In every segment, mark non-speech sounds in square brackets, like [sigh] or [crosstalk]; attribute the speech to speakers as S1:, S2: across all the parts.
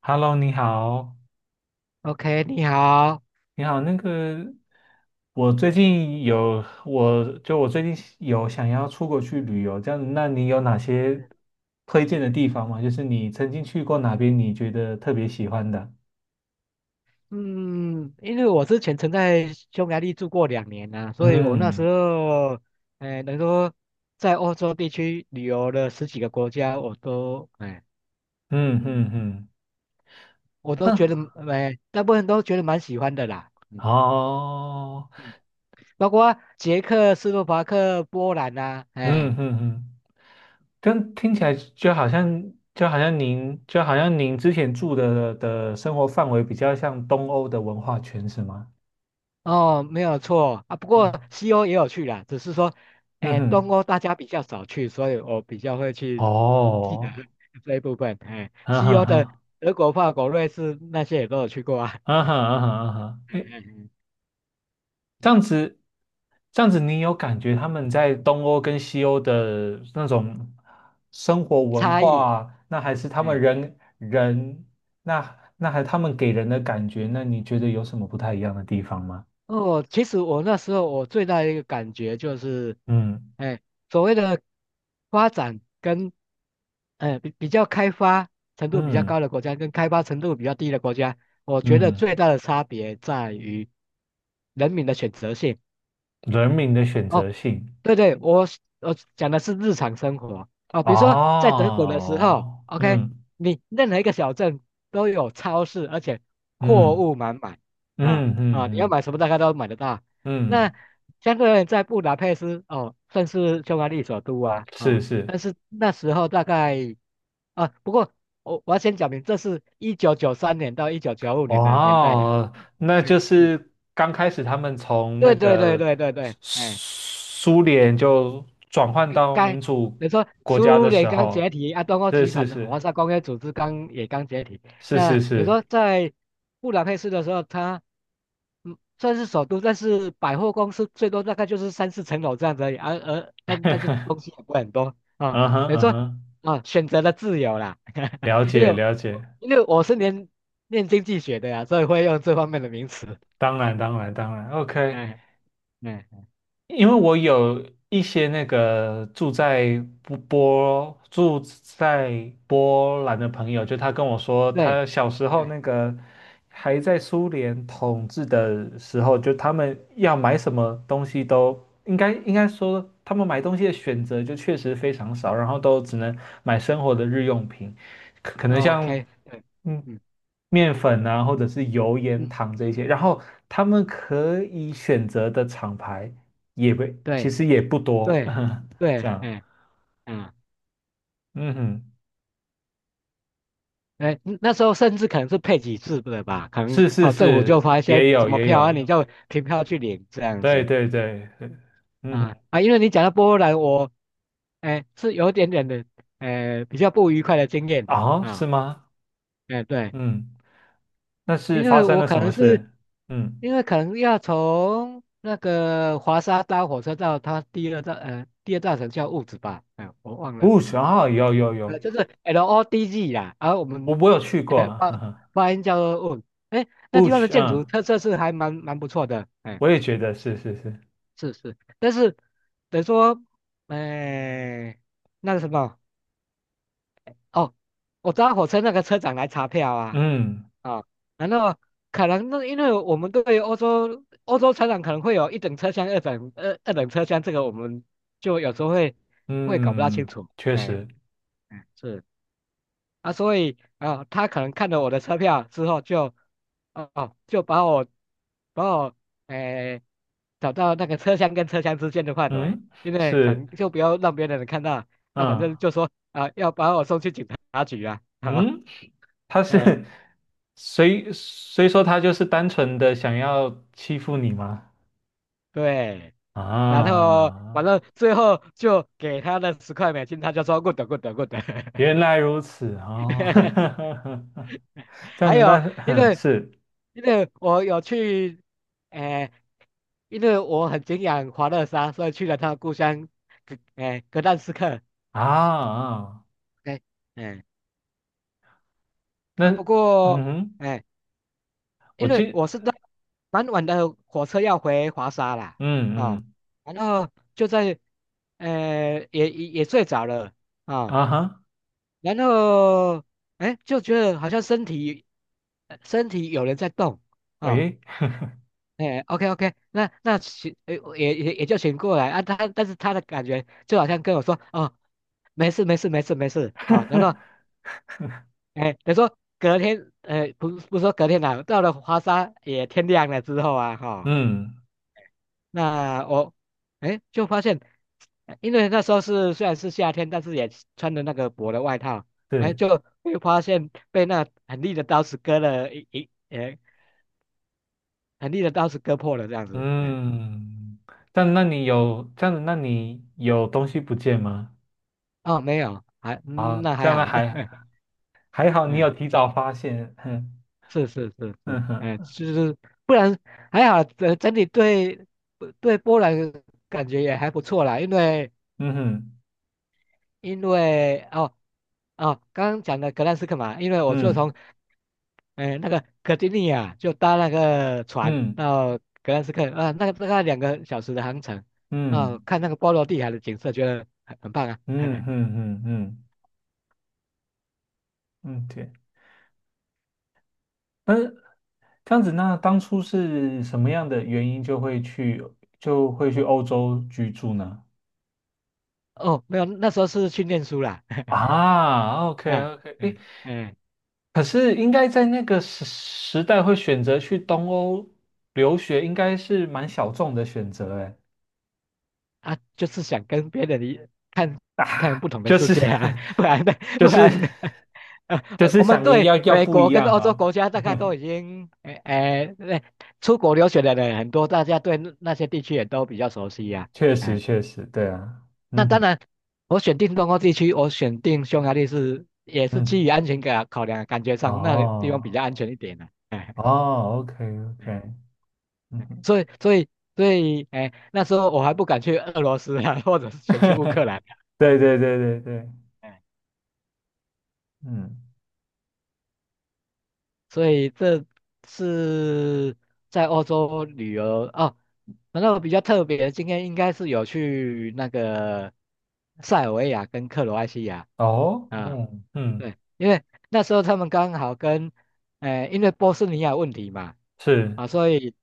S1: Hello，你好，
S2: OK，你好。
S1: 你好，我最近有想要出国去旅游，这样子，那你有哪些
S2: 嗯
S1: 推荐的地方吗？就是你曾经去过哪边，你觉得特别喜欢的？
S2: 嗯因为我之前曾在匈牙利住过2年，所以我那时
S1: 嗯
S2: 候，能够在欧洲地区旅游了十几个国家，
S1: 嗯嗯
S2: 嗯，
S1: 嗯。
S2: 我都觉
S1: 嗯。
S2: 得，大部分都觉得蛮喜欢的啦。嗯
S1: 哦。
S2: 嗯，包括捷克斯洛伐克、波兰呐、啊，哎。
S1: 嗯嗯嗯。但听起来就好像您之前住的生活范围比较像东欧的文化圈，是吗？
S2: 哦，没有错啊。不过
S1: 嗯。
S2: 西欧也有去啦，只是说，
S1: 嗯
S2: 东
S1: 哼。
S2: 欧大家比较少去，所以我比较会去记得
S1: 哦。
S2: [laughs] 这一部分。
S1: 啊
S2: 西
S1: 哈
S2: 欧的
S1: 哈。
S2: 德国、法国、瑞士那些也都有去过啊。
S1: 啊哈啊哈啊哈。
S2: [laughs] 嗯
S1: 哎。
S2: 嗯嗯，
S1: 这样子，这样子，你有感觉他们在东欧跟西欧的那种生活文
S2: 差异。
S1: 化，
S2: 哎
S1: 那还他们给人的感觉，那你觉得有什么不太一样的地方吗？
S2: 哦，其实我那时候我最大的一个感觉就是，
S1: 嗯
S2: 哎，所谓的发展跟，比较开发程度比较
S1: 嗯
S2: 高的国家跟开发程度比较低的国家，我觉得
S1: 嗯。
S2: 最大的差别在于人民的选择性。
S1: 人民的选
S2: 哦，
S1: 择性。
S2: 对对，我讲的是日常生活哦，比如说在德国的时候
S1: 哦。
S2: ，OK，
S1: 嗯
S2: 你任何一个小镇都有超市，而且货
S1: 嗯
S2: 物满满啊
S1: 嗯嗯
S2: 啊，你要
S1: 嗯
S2: 买什么大概都买得到。那
S1: 嗯。
S2: 相对而言，在布达佩斯哦，算是匈牙利首都啊
S1: 是
S2: 啊，但
S1: 是。
S2: 是那时候大概啊，不过我要先讲明，这是1993年到一九九五
S1: 哇
S2: 年的年代的。
S1: 哦，那
S2: OK，
S1: 就是刚开始他们从那
S2: 对对对
S1: 个
S2: 对对
S1: 苏
S2: 对，
S1: 苏联就转换到
S2: 刚
S1: 民主
S2: 你说
S1: 国家
S2: 苏
S1: 的时
S2: 联刚解
S1: 候，
S2: 体，啊，东欧
S1: 是
S2: 集
S1: 是
S2: 团的
S1: 是
S2: 华沙工业组织刚也刚解体。
S1: 是是
S2: 那你
S1: 是。
S2: 说在布达佩斯的时候，它算是首都，但是百货公司最多大概就是三四层楼这样子而已，而、而但但是东西也不会很多啊。
S1: 嗯哼
S2: 等于
S1: 嗯
S2: 说
S1: 哼。
S2: 啊，选择了自由啦，
S1: 了
S2: [laughs] 因为
S1: 解
S2: 我
S1: 了解。
S2: 因为我是念经济学的呀，所以会用这方面的名词。
S1: 当然当然当然
S2: [laughs]
S1: ，OK。
S2: 嗯嗯，哎
S1: 因为我有一些住在波兰的朋友，就他跟我说，
S2: 对，
S1: 他小时候
S2: 嗯
S1: 还在苏联统治的时候，就他们要买什么东西都应该说，他们买东西的选择就确实非常少，然后都只能买生活的日用品，可能像
S2: ，OK，对，
S1: 嗯
S2: 嗯
S1: 面粉啊，或者是油盐
S2: 嗯，
S1: 糖这些，然后他们可以选择的厂牌。也不，其
S2: 对
S1: 实也不多。
S2: 对
S1: [laughs] 这
S2: 对，
S1: 样。
S2: 嗯，
S1: 嗯哼。
S2: 那时候甚至可能是配给次的吧，可能
S1: 是是
S2: 哦，政府就
S1: 是。
S2: 发一些
S1: 也有
S2: 什么
S1: 也
S2: 票
S1: 有。
S2: 啊，你就凭票去领这样
S1: 对
S2: 子。
S1: 对对。嗯哼。
S2: 啊，因为你讲到波兰，是有一点点的，比较不愉快的经验的
S1: 啊，是
S2: 啊。
S1: 吗？
S2: 对，
S1: 嗯。那是
S2: 因
S1: 发
S2: 为
S1: 生
S2: 我
S1: 了
S2: 可
S1: 什么
S2: 能是
S1: 事？嗯。
S2: 可能要从那个华沙搭火车到它第二大城叫物质吧，哎，我忘
S1: w
S2: 了，
S1: o s h 啊，有有有。
S2: 就是 LODG 啦，我
S1: 我
S2: 们
S1: 我有去
S2: [laughs]
S1: 过。
S2: 哎，巴
S1: 哈哈。
S2: 巴音叫做问，
S1: w
S2: 那
S1: o
S2: 地
S1: s
S2: 方的
S1: h。
S2: 建筑
S1: 嗯，
S2: 特色是还蛮不错的，
S1: 我也觉得是是是。
S2: 是，但是等于说，哎，那个什么，哦，我搭火车那个车长来查票啊，
S1: 嗯
S2: 啊、难道可能那因为我们对欧洲车长可能会有一等车厢、二等车厢，这个我们就有时候会搞不大清
S1: 嗯。
S2: 楚，
S1: 确实。
S2: 哎是。啊，所以啊，他可能看了我的车票之后就，哦就把我诶、找到那个车厢跟车厢之间的范围，
S1: 嗯，
S2: 因为可
S1: 是。
S2: 能就不要让别的人看到啊，反
S1: 嗯
S2: 正就说啊，要把我送去警察局啊，[laughs]
S1: 嗯。他
S2: 哎、
S1: 是 [laughs]，谁说他就是单纯的想要欺负你吗？
S2: 对，然后
S1: 啊，
S2: 反正最后就给他了$10，他就说 good good good [laughs]。
S1: 原来如此啊。[laughs] 这样
S2: 还
S1: 子。
S2: 有，因
S1: 那是。 [laughs]
S2: 为
S1: 是。
S2: 我有去，诶、因为我很敬仰华勒沙，所以去了他的故乡，格但斯克。
S1: 啊啊。
S2: 哎、哎、
S1: 那。
S2: 啊，不
S1: 嗯。
S2: 过，
S1: 哼。
S2: 哎、
S1: 我
S2: 因为
S1: 记
S2: 我是在蛮晚的火车要回华沙啦，
S1: 嗯
S2: 啊、
S1: 嗯。
S2: 然后就在，也睡着了啊、
S1: 啊哈。
S2: 然后，就觉得好像身体，身体有人在动。啊、
S1: 诶。
S2: OK OK，那那请呃也就醒过来啊，但是他的感觉就好像跟我说哦，没事啊，然后等于说隔天不是说隔天啦，到了华沙也天亮了之后
S1: 嗯，
S2: 那我就发现，因为那时候是虽然是夏天，但是也穿的那个薄的外套，
S1: 是。
S2: 就会发现被那很利的刀子割了一一呃很利的刀子割破了这样子，
S1: 嗯。但那你有这样子，那你有东西不见吗？
S2: 哦，没有，还，
S1: 啊，
S2: 那
S1: 这
S2: 还
S1: 样
S2: 好，
S1: 还
S2: [laughs]
S1: 还好，你
S2: 嗯，
S1: 有提早发现。哼
S2: 是，
S1: 哼哼。
S2: 就是不然还好，整体对对波兰感觉也还不错啦，因为
S1: 嗯哼
S2: 因为哦哦，刚刚讲的格兰斯克嘛，因为我就从
S1: 嗯
S2: 那个格丁尼亚就搭那个船
S1: 嗯
S2: 到格兰斯克啊，那个大概2个小时的航程，啊，
S1: 嗯
S2: 看那个波罗的海的景色，觉得很棒啊。
S1: 嗯嗯
S2: [laughs]
S1: 嗯嗯嗯。嗯，对。嗯这样子，那当初是什么样的原因就会去欧洲居住呢？
S2: 哦，没有，那时候是去念书啦，
S1: 啊，OK
S2: [laughs] 啊，
S1: OK。
S2: 嗯
S1: 诶。
S2: 嗯。哎
S1: 可是应该在那个时代会选择去东欧留学，应该是蛮小众的选择。诶。
S2: 啊，就是想跟别人看看
S1: 啊，
S2: 不同的
S1: 就
S2: 世
S1: 是
S2: 界啊，
S1: [laughs]
S2: [laughs] 不然的，
S1: 就
S2: 不
S1: 是
S2: 然的，呃，
S1: 就
S2: 呃
S1: 是
S2: 我们
S1: 想
S2: 对
S1: 要要
S2: 美
S1: 不
S2: 国
S1: 一
S2: 跟
S1: 样
S2: 欧洲
S1: 啊。
S2: 国家大概都已经，出国留学的人很多，大家对那些地区也都比较熟悉呀，
S1: 确
S2: 啊
S1: 实
S2: 哎、
S1: 确实。对啊。
S2: 那
S1: 嗯
S2: 当
S1: 哼。
S2: 然，我选定东欧地区，我选定匈牙利是也是基
S1: 嗯。
S2: 于安全感考量，感觉上那里地方比
S1: 哦
S2: 较安全一点的，
S1: 哦。OK OK。
S2: 嗯
S1: 嗯哼。
S2: 所以，所以，所以，那时候我还不敢去俄罗斯啊，或者是选去乌克兰啊。
S1: 对对对对对。
S2: 哎
S1: 嗯。
S2: 所以这是在欧洲旅游哦。然后比较特别今天应该是有去那个塞尔维亚跟克罗埃西亚
S1: 哦。
S2: 啊，
S1: 嗯嗯。
S2: 对，因为那时候他们刚好跟，因为波斯尼亚问题嘛，
S1: 是。
S2: 啊，所以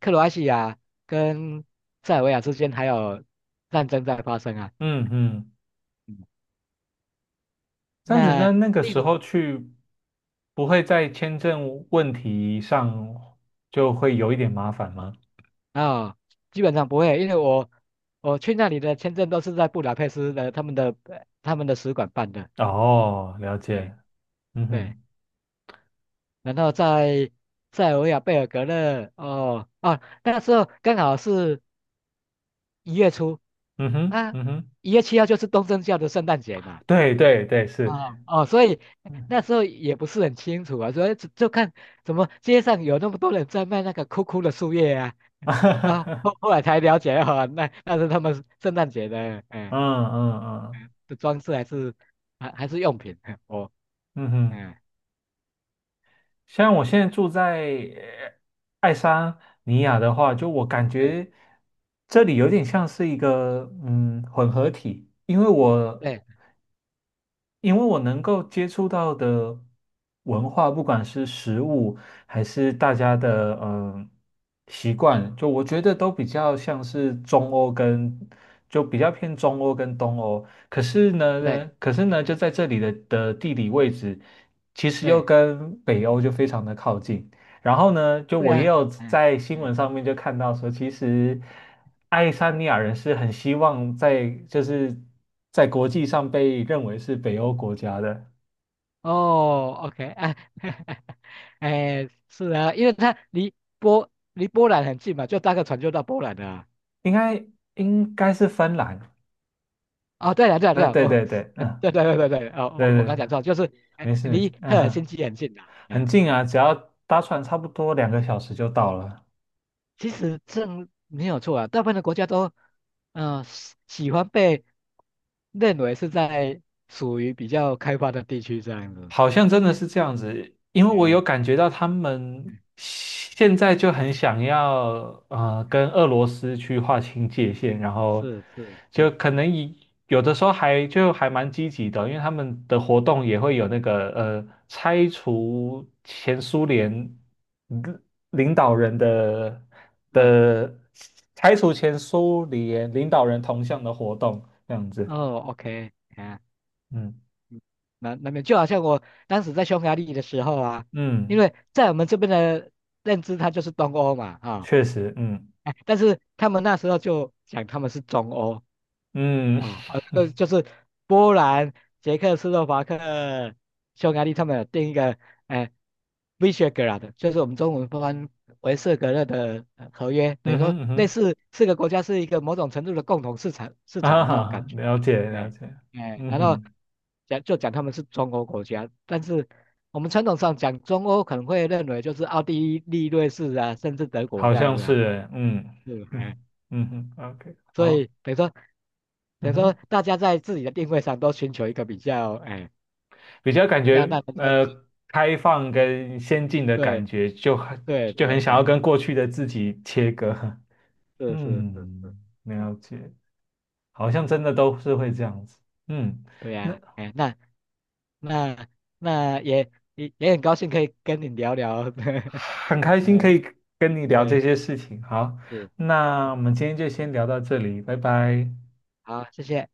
S2: 克罗埃西亚跟塞尔维亚之间还有战争在发生啊。
S1: 嗯嗯。
S2: 嗯
S1: 这样子，那
S2: 那
S1: 那个
S2: 另
S1: 时候去，不会在签证问题上就会有一点麻烦吗？
S2: 啊，基本上不会，因为我去那里的签证都是在布达佩斯的他们的使馆办的，
S1: 哦，了
S2: 嗯，
S1: 解。嗯
S2: 对，
S1: 哼。
S2: 然后在塞尔维亚贝尔格勒，哦啊，那时候刚好是1月初
S1: 嗯哼。
S2: 啊，
S1: 嗯哼。
S2: 1月7号就是东正教的圣诞节嘛，
S1: 对对对。
S2: 啊
S1: 是。
S2: 哦，所以
S1: 嗯。
S2: 那时候也不是很清楚啊，所以就看怎么街上有那么多人在卖那个枯的树叶啊，
S1: [laughs] 嗯
S2: 后来才了解哦，那是他们圣诞节的，
S1: 嗯嗯。
S2: 是装饰还是还是用品？[laughs] 我
S1: 嗯哼。
S2: 嗯，
S1: 像我现在住在呃爱沙尼亚的话，就我感
S2: 对
S1: 觉这里有点像是一个混合体，因为
S2: [laughs]
S1: 我
S2: 对
S1: 因为我能够接触到的文化，不管是食物还是大家的习惯，就我觉得都比较像是中欧跟就比较偏中欧跟东欧。可是
S2: 对
S1: 呢，可是呢，就在这里的地理位置，其实又
S2: 对
S1: 跟北欧就非常的靠近。然后呢，就
S2: 对
S1: 我也
S2: 啊，
S1: 有
S2: 嗯
S1: 在新
S2: 嗯，
S1: 闻上面就看到说，其实爱沙尼亚人是很希望在就是在国际上被认为是北欧国家的，
S2: 哦，OK 啊，[laughs] 是啊，因为它离波兰很近嘛，就搭个船就到波兰了啊。
S1: 应该应该是芬兰。
S2: 哦，对了对了对
S1: 嗯。
S2: 了，
S1: 对
S2: 哦，
S1: 对对。
S2: [laughs]
S1: 嗯。
S2: 对，哦，
S1: 对
S2: 我刚
S1: 对。
S2: 讲错，就是
S1: 没事没
S2: 离
S1: 事。
S2: 赫
S1: 嗯
S2: 尔辛
S1: 哼。
S2: 基很近的。
S1: 很
S2: 哎
S1: 近啊，只要搭船差不多2个小时就到了。
S2: 其实这没有错啊，大部分的国家都，嗯，喜欢被认为是在属于比较开发的地区这样子。
S1: 好像真的
S2: 哎
S1: 是这样子，因为我有
S2: 哎
S1: 感觉到他们
S2: 嗯
S1: 现在就很想要
S2: 嗯，
S1: 跟俄罗斯去划清界限，然后
S2: 是是
S1: 就
S2: 是
S1: 可能以有的时候还蛮积极的，因为他们的活动也会
S2: 是，
S1: 有
S2: 嗯
S1: 领领导人的
S2: 啊
S1: 的拆除前苏联领导人铜像的活动这样子。
S2: 哦，OK,啊，
S1: 嗯
S2: 嗯那那边就好像我当时在匈牙利的时候啊，因
S1: 嗯。
S2: 为在我们这边的认知，它就是东欧嘛啊，
S1: 确实。嗯
S2: 但是他们那时候就讲他们是中欧。
S1: 嗯。
S2: 啊，这就是波兰、捷克斯洛伐克、匈牙利他们有定一个，哎、Visegrad 就是我们中文翻为色格勒的合约，等于
S1: 嗯
S2: 说
S1: 哼嗯
S2: 类
S1: 哼。
S2: 似4个国家是一个某种程度的共同市场市场
S1: 啊。[laughs]
S2: 的那种
S1: 哈
S2: 感觉，
S1: 了解了
S2: 哎、
S1: 解。嗯
S2: 然后
S1: 哼。
S2: 讲他们是中国国家，但是我们传统上讲中欧可能会认为就是奥地利、瑞士啊，甚至德国
S1: 好
S2: 这样
S1: 像
S2: 子
S1: 是
S2: 啊，
S1: 欸。嗯。
S2: 是哎。
S1: 嗯。嗯哼。OK。
S2: 所
S1: 好。
S2: 以等于说
S1: 嗯哼。
S2: 大家在自己的定位上都寻求一个比较，哎，
S1: 比较感
S2: 要让
S1: 觉
S2: 大家去
S1: 开放跟先进的感
S2: 对
S1: 觉，就很
S2: 对对，
S1: 想要
S2: 对，
S1: 跟过去的自己切割。[laughs]
S2: 是，
S1: 嗯，
S2: 嗯，
S1: 了解。好像真的都是会这样子。嗯。
S2: 对
S1: 那
S2: 呀，那那那也也很高兴可以跟你聊聊，[laughs]
S1: 很开
S2: 哎，
S1: 心可以跟你聊这
S2: 对，
S1: 些事情，好，
S2: 是，
S1: 那我们今天就先聊到这里，拜拜。
S2: 好，谢谢。